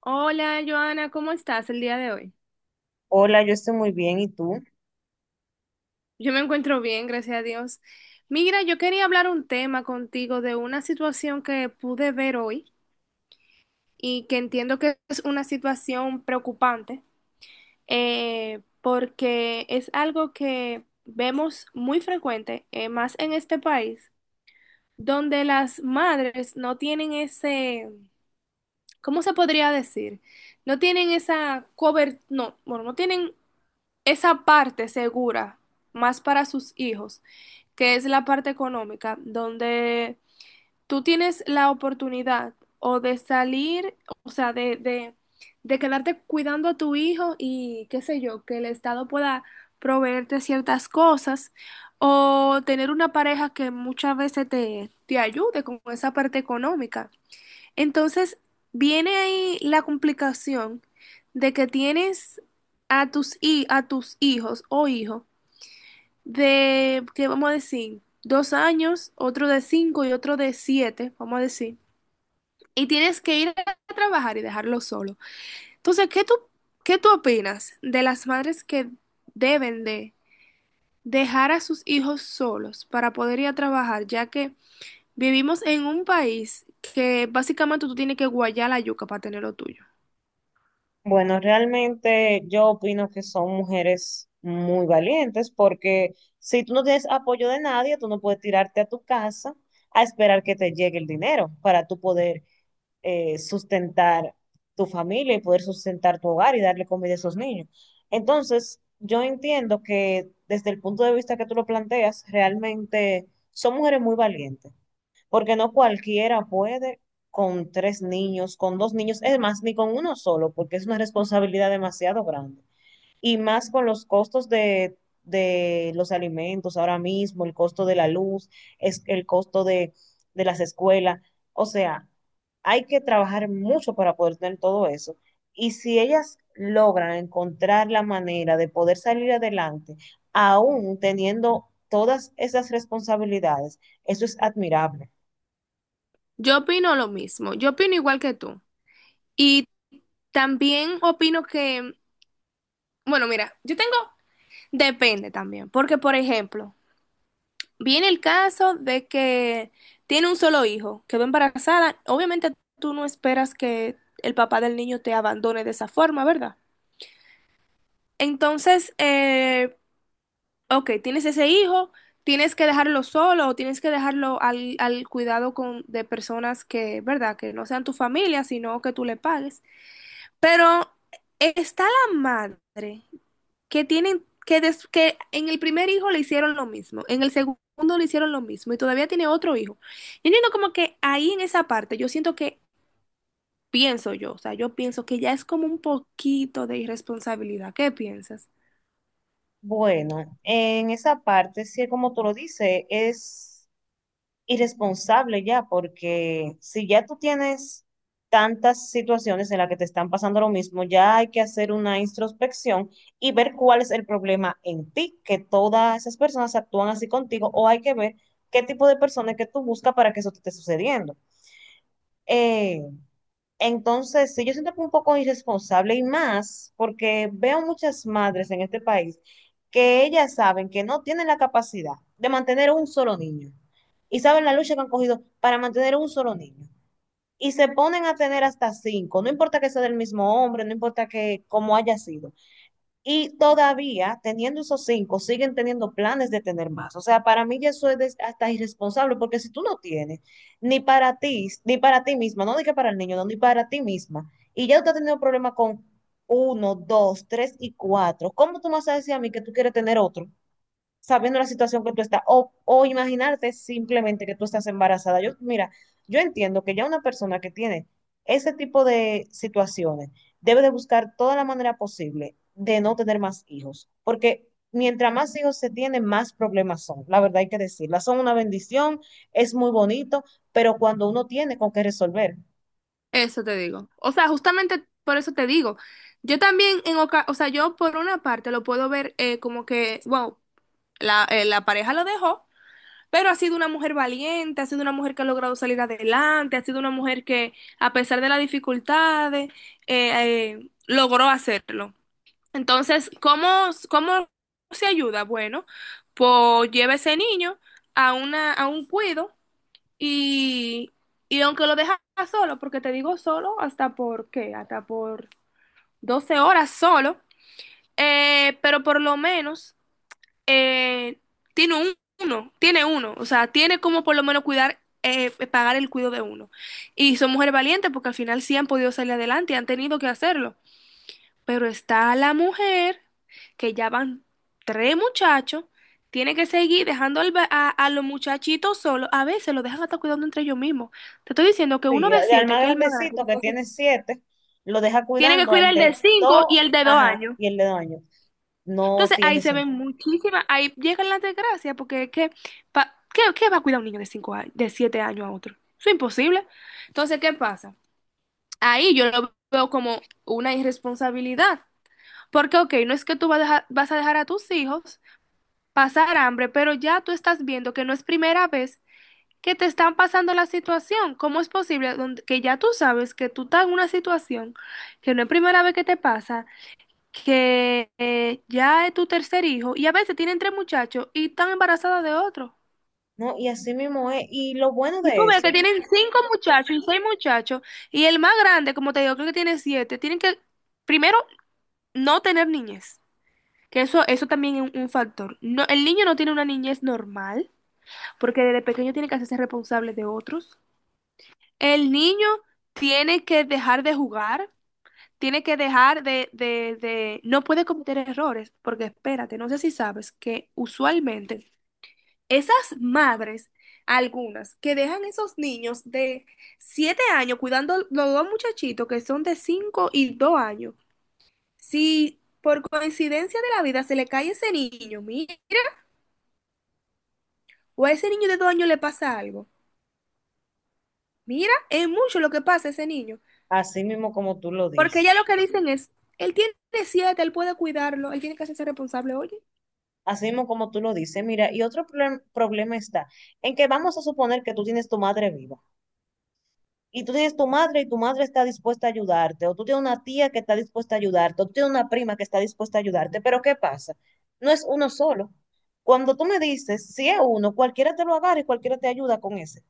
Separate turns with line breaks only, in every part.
Hola, Joana, ¿cómo estás el día de hoy?
Hola, yo estoy muy bien, ¿y tú?
Yo me encuentro bien, gracias a Dios. Mira, yo quería hablar un tema contigo de una situación que pude ver hoy y que entiendo que es una situación preocupante, porque es algo que vemos muy frecuente, más en este país, donde las madres no tienen ese, ¿cómo se podría decir? No tienen esa cobertura, no, bueno, no tienen esa parte segura, más para sus hijos, que es la parte económica, donde tú tienes la oportunidad o de salir, o sea, de quedarte cuidando a tu hijo y qué sé yo, que el Estado pueda proveerte ciertas cosas o tener una pareja que muchas veces te ayude con esa parte económica. Entonces, viene ahí la complicación de que tienes a tus hijos o hijo de, ¿qué vamos a decir? 2 años, otro de cinco y otro de siete, vamos a decir. Y tienes que ir a trabajar y dejarlo solo. Entonces, ¿qué tú opinas de las madres que deben de dejar a sus hijos solos para poder ir a trabajar, ya que vivimos en un país que básicamente tú tienes que guayar la yuca para tener lo tuyo?
Bueno, realmente yo opino que son mujeres muy valientes porque si tú no tienes apoyo de nadie, tú no puedes tirarte a tu casa a esperar que te llegue el dinero para tú poder sustentar tu familia y poder sustentar tu hogar y darle comida a esos niños. Entonces, yo entiendo que desde el punto de vista que tú lo planteas, realmente son mujeres muy valientes, porque no cualquiera puede con tres niños, con dos niños, es más, ni con uno solo, porque es una responsabilidad demasiado grande. Y más con los costos de los alimentos ahora mismo, el costo de la luz, es el costo de las escuelas. O sea, hay que trabajar mucho para poder tener todo eso. Y si ellas logran encontrar la manera de poder salir adelante, aún teniendo todas esas responsabilidades, eso es admirable.
Yo opino lo mismo, yo opino igual que tú. Y también opino que, bueno, mira, yo tengo, depende también, porque por ejemplo, viene el caso de que tiene un solo hijo, quedó embarazada, obviamente tú no esperas que el papá del niño te abandone de esa forma, ¿verdad? Entonces, ok, tienes ese hijo, tienes que dejarlo solo o tienes que dejarlo al cuidado con, de personas que, ¿verdad? Que no sean tu familia, sino que tú le pagues. Pero está la madre que tienen que en el primer hijo le hicieron lo mismo, en el segundo le hicieron lo mismo y todavía tiene otro hijo. Yo entiendo como que ahí en esa parte yo siento que pienso yo, o sea, yo pienso que ya es como un poquito de irresponsabilidad. ¿Qué piensas?
Bueno, en esa parte, sí, como tú lo dices, es irresponsable ya, porque si ya tú tienes tantas situaciones en las que te están pasando lo mismo, ya hay que hacer una introspección y ver cuál es el problema en ti, que todas esas personas actúan así contigo, o hay que ver qué tipo de personas que tú buscas para que eso te esté sucediendo. Eh, entonces, sí, yo siento que un poco irresponsable y más porque veo muchas madres en este país que ellas saben que no tienen la capacidad de mantener un solo niño y saben la lucha que han cogido para mantener un solo niño y se ponen a tener hasta cinco, no importa que sea del mismo hombre, no importa que cómo haya sido. Y todavía, teniendo esos cinco, siguen teniendo planes de tener más. O sea, para mí ya eso es hasta irresponsable, porque si tú no tienes, ni para ti, ni para ti misma, no diga para el niño, no, ni para ti misma, y ya tú has tenido problemas con uno, dos, tres y cuatro, ¿cómo tú me vas a decir a mí que tú quieres tener otro? Sabiendo la situación que tú estás, o imaginarte simplemente que tú estás embarazada. Yo, mira, yo entiendo que ya una persona que tiene ese tipo de situaciones debe de buscar toda la manera posible de no tener más hijos, porque mientras más hijos se tienen, más problemas son. La verdad hay que decirla, son una bendición, es muy bonito, pero cuando uno tiene con qué resolver.
Eso te digo. O sea, justamente por eso te digo. Yo también o sea, yo por una parte lo puedo ver como que, wow, la pareja lo dejó. Pero ha sido una mujer valiente, ha sido una mujer que ha logrado salir adelante, ha sido una mujer que, a pesar de las dificultades, logró hacerlo. Entonces, ¿cómo se ayuda? Bueno, pues lleva ese niño a un cuido y, y aunque lo deja solo, porque te digo solo, hasta por 12 horas solo, pero por lo menos eh, tiene un- tiene uno, o sea, tiene como por lo menos cuidar, pagar el cuidado de uno. Y son mujeres valientes porque al final sí han podido salir adelante y han tenido que hacerlo. Pero está la mujer que ya van tres muchachos, tiene que seguir dejando a los muchachitos solos, a veces los dejan hasta cuidando entre ellos mismos. Te estoy diciendo que uno
Sí,
de
al
siete,
más
que es el más grande,
grandecito que tiene 7, lo deja
tiene que
cuidando al
cuidar el de
de
cinco
2,
y el de dos
ajá,
años.
y el de 2 años. No
Entonces
tiene
ahí se ven
sentido.
muchísimas, ahí llegan las desgracias, porque es que, ¿qué va a cuidar un niño de 5 años, de 7 años a otro? Eso es imposible. Entonces, ¿qué pasa? Ahí yo lo veo como una irresponsabilidad, porque, ok, no es que tú vas a dejar a tus hijos pasar hambre, pero ya tú estás viendo que no es primera vez que te están pasando la situación. ¿Cómo es posible que ya tú sabes que tú estás en una situación que no es primera vez que te pasa? Que ya es tu tercer hijo y a veces tienen tres muchachos y están embarazadas de otro.
No, y así mismo es, y lo bueno
Y tú
de
ves que
eso,
tienen cinco muchachos y seis muchachos y el más grande, como te digo, creo que tiene siete. Tienen que, primero, no tener niñez, que eso también es un factor. No, el niño no tiene una niñez normal porque desde pequeño tiene que hacerse responsable de otros. El niño tiene que dejar de jugar. Tiene que dejar no puede cometer errores, porque espérate, no sé si sabes que usualmente esas madres, algunas, que dejan esos niños de 7 años cuidando los dos muchachitos que son de 5 y 2 años. Si por coincidencia de la vida se le cae ese niño, mira, o a ese niño de 2 años le pasa algo. Mira, es mucho lo que pasa a ese niño.
así mismo como tú lo
Porque
dices,
ya lo que dicen es, él tiene 7 él puede cuidarlo, él tiene que hacerse responsable, oye.
así mismo como tú lo dices, mira, y otro problema está en que vamos a suponer que tú tienes tu madre viva, y tú tienes tu madre y tu madre está dispuesta a ayudarte, o tú tienes una tía que está dispuesta a ayudarte, o tú tienes una prima que está dispuesta a ayudarte, pero ¿qué pasa? No es uno solo. Cuando tú me dices, si es uno, cualquiera te lo agarra y cualquiera te ayuda con ese.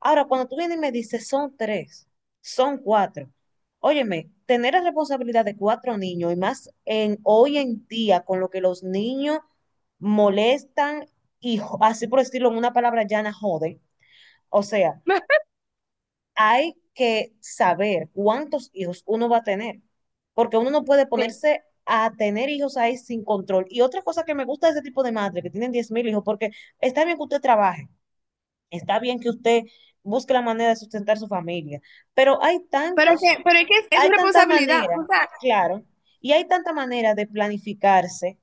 Ahora, cuando tú vienes y me dices, son tres, son cuatro. Óyeme, tener la responsabilidad de cuatro niños y más en hoy en día con lo que los niños molestan y así por decirlo en una palabra llana, joden. O sea, hay que saber cuántos hijos uno va a tener, porque uno no puede
Sí.
ponerse a tener hijos ahí sin control. Y otra cosa que me gusta de ese tipo de madre, que tienen 10.000 hijos, porque está bien que usted trabaje, está bien que usted busque la manera de sustentar su familia, pero hay
Pero es
tantos,
que, pero es que es su
hay tanta
responsabilidad.
manera,
O sea,
claro, y hay tanta manera de planificarse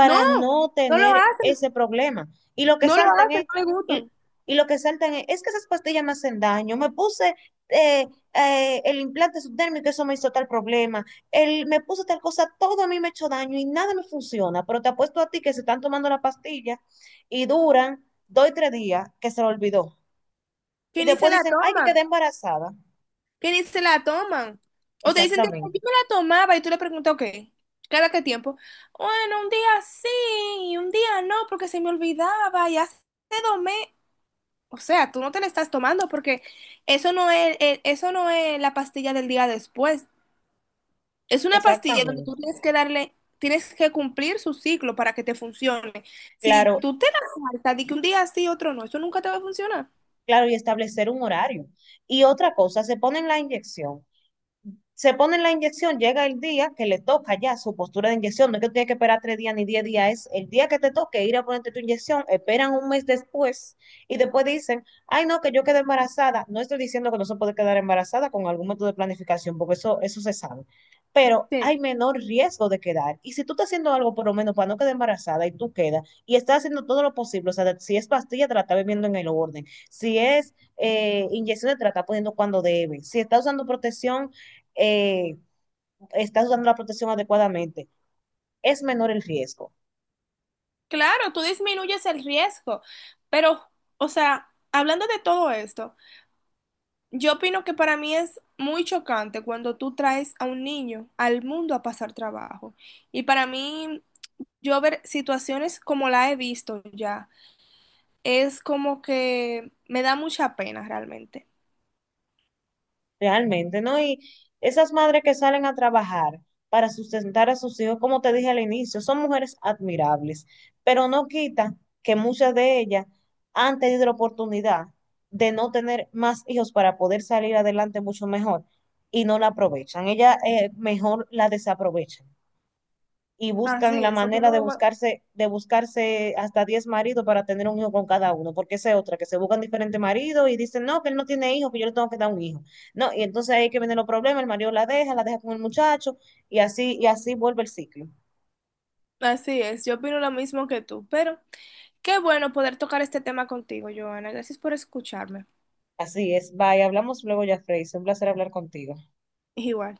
no,
no
no lo
tener
hacen,
ese problema. Y lo que
no lo
saltan
hacen,
es,
no le gusta.
y, y lo que saltan es que esas pastillas me hacen daño, me puse eh, el implante subdérmico, eso me hizo tal problema, el, me puse tal cosa, todo a mí me ha hecho daño y nada me funciona, pero te apuesto a ti que se están tomando la pastilla y duran dos y 3 días que se lo olvidó.
Que
Y
ni se
después
la
dicen, ay, que
toman,
quedé embarazada.
que ni se la toman. O te dicen, "Tía, yo
Exactamente,
me la tomaba y tú le preguntas, ok, ¿cada qué tiempo? Bueno, un día sí, y un día no, porque se me olvidaba y hace 2 meses. O sea, tú no te la estás tomando porque eso no es la pastilla del día después. Es una pastilla donde tú
exactamente.
tienes que cumplir su ciclo para que te funcione. Si
Claro,
tú te la saltas de que un día sí, otro no, eso nunca te va a funcionar.
claro, y establecer un horario. Y otra cosa, se ponen la inyección, llega el día que le toca ya su postura de inyección, no es que tiene que esperar 3 días ni 10 días, es el día que te toque ir a ponerte tu inyección, esperan un mes después y después dicen, ay no, que yo quedé embarazada, no estoy diciendo que no se puede quedar embarazada con algún método de planificación, porque eso se sabe, pero
Sí.
hay menor riesgo de quedar, y si tú estás haciendo algo por lo menos para no quedar embarazada y tú quedas, y estás haciendo todo lo posible, o sea, si es pastilla, te la estás bebiendo en el orden, si es inyecciones, te la estás poniendo cuando debe, si estás usando protección, eh, estás usando la protección adecuadamente, es menor el riesgo,
Claro, tú disminuyes el riesgo, pero, o sea, hablando de todo esto, yo opino que para mí es muy chocante cuando tú traes a un niño al mundo a pasar trabajo. Y para mí, yo ver situaciones como la he visto ya, es como que me da mucha pena realmente.
realmente, ¿no? Y esas madres que salen a trabajar para sustentar a sus hijos, como te dije al inicio, son mujeres admirables, pero no quita que muchas de ellas han tenido la oportunidad de no tener más hijos para poder salir adelante mucho mejor y no la aprovechan. Ellas mejor la desaprovechan, y buscan
Así
la
es,
manera de buscarse hasta 10 maridos para tener un hijo con cada uno, porque esa es otra, que se buscan diferentes maridos y dicen, no, que él no tiene hijos, que yo le tengo que dar un hijo. No, y entonces ahí que vienen los problemas, el marido la deja con el muchacho, y así vuelve el ciclo.
así es, yo opino lo mismo que tú, pero qué bueno poder tocar este tema contigo, Joana. Gracias por escucharme.
Así es, bye, hablamos luego ya, Frey, es un placer hablar contigo.
Igual.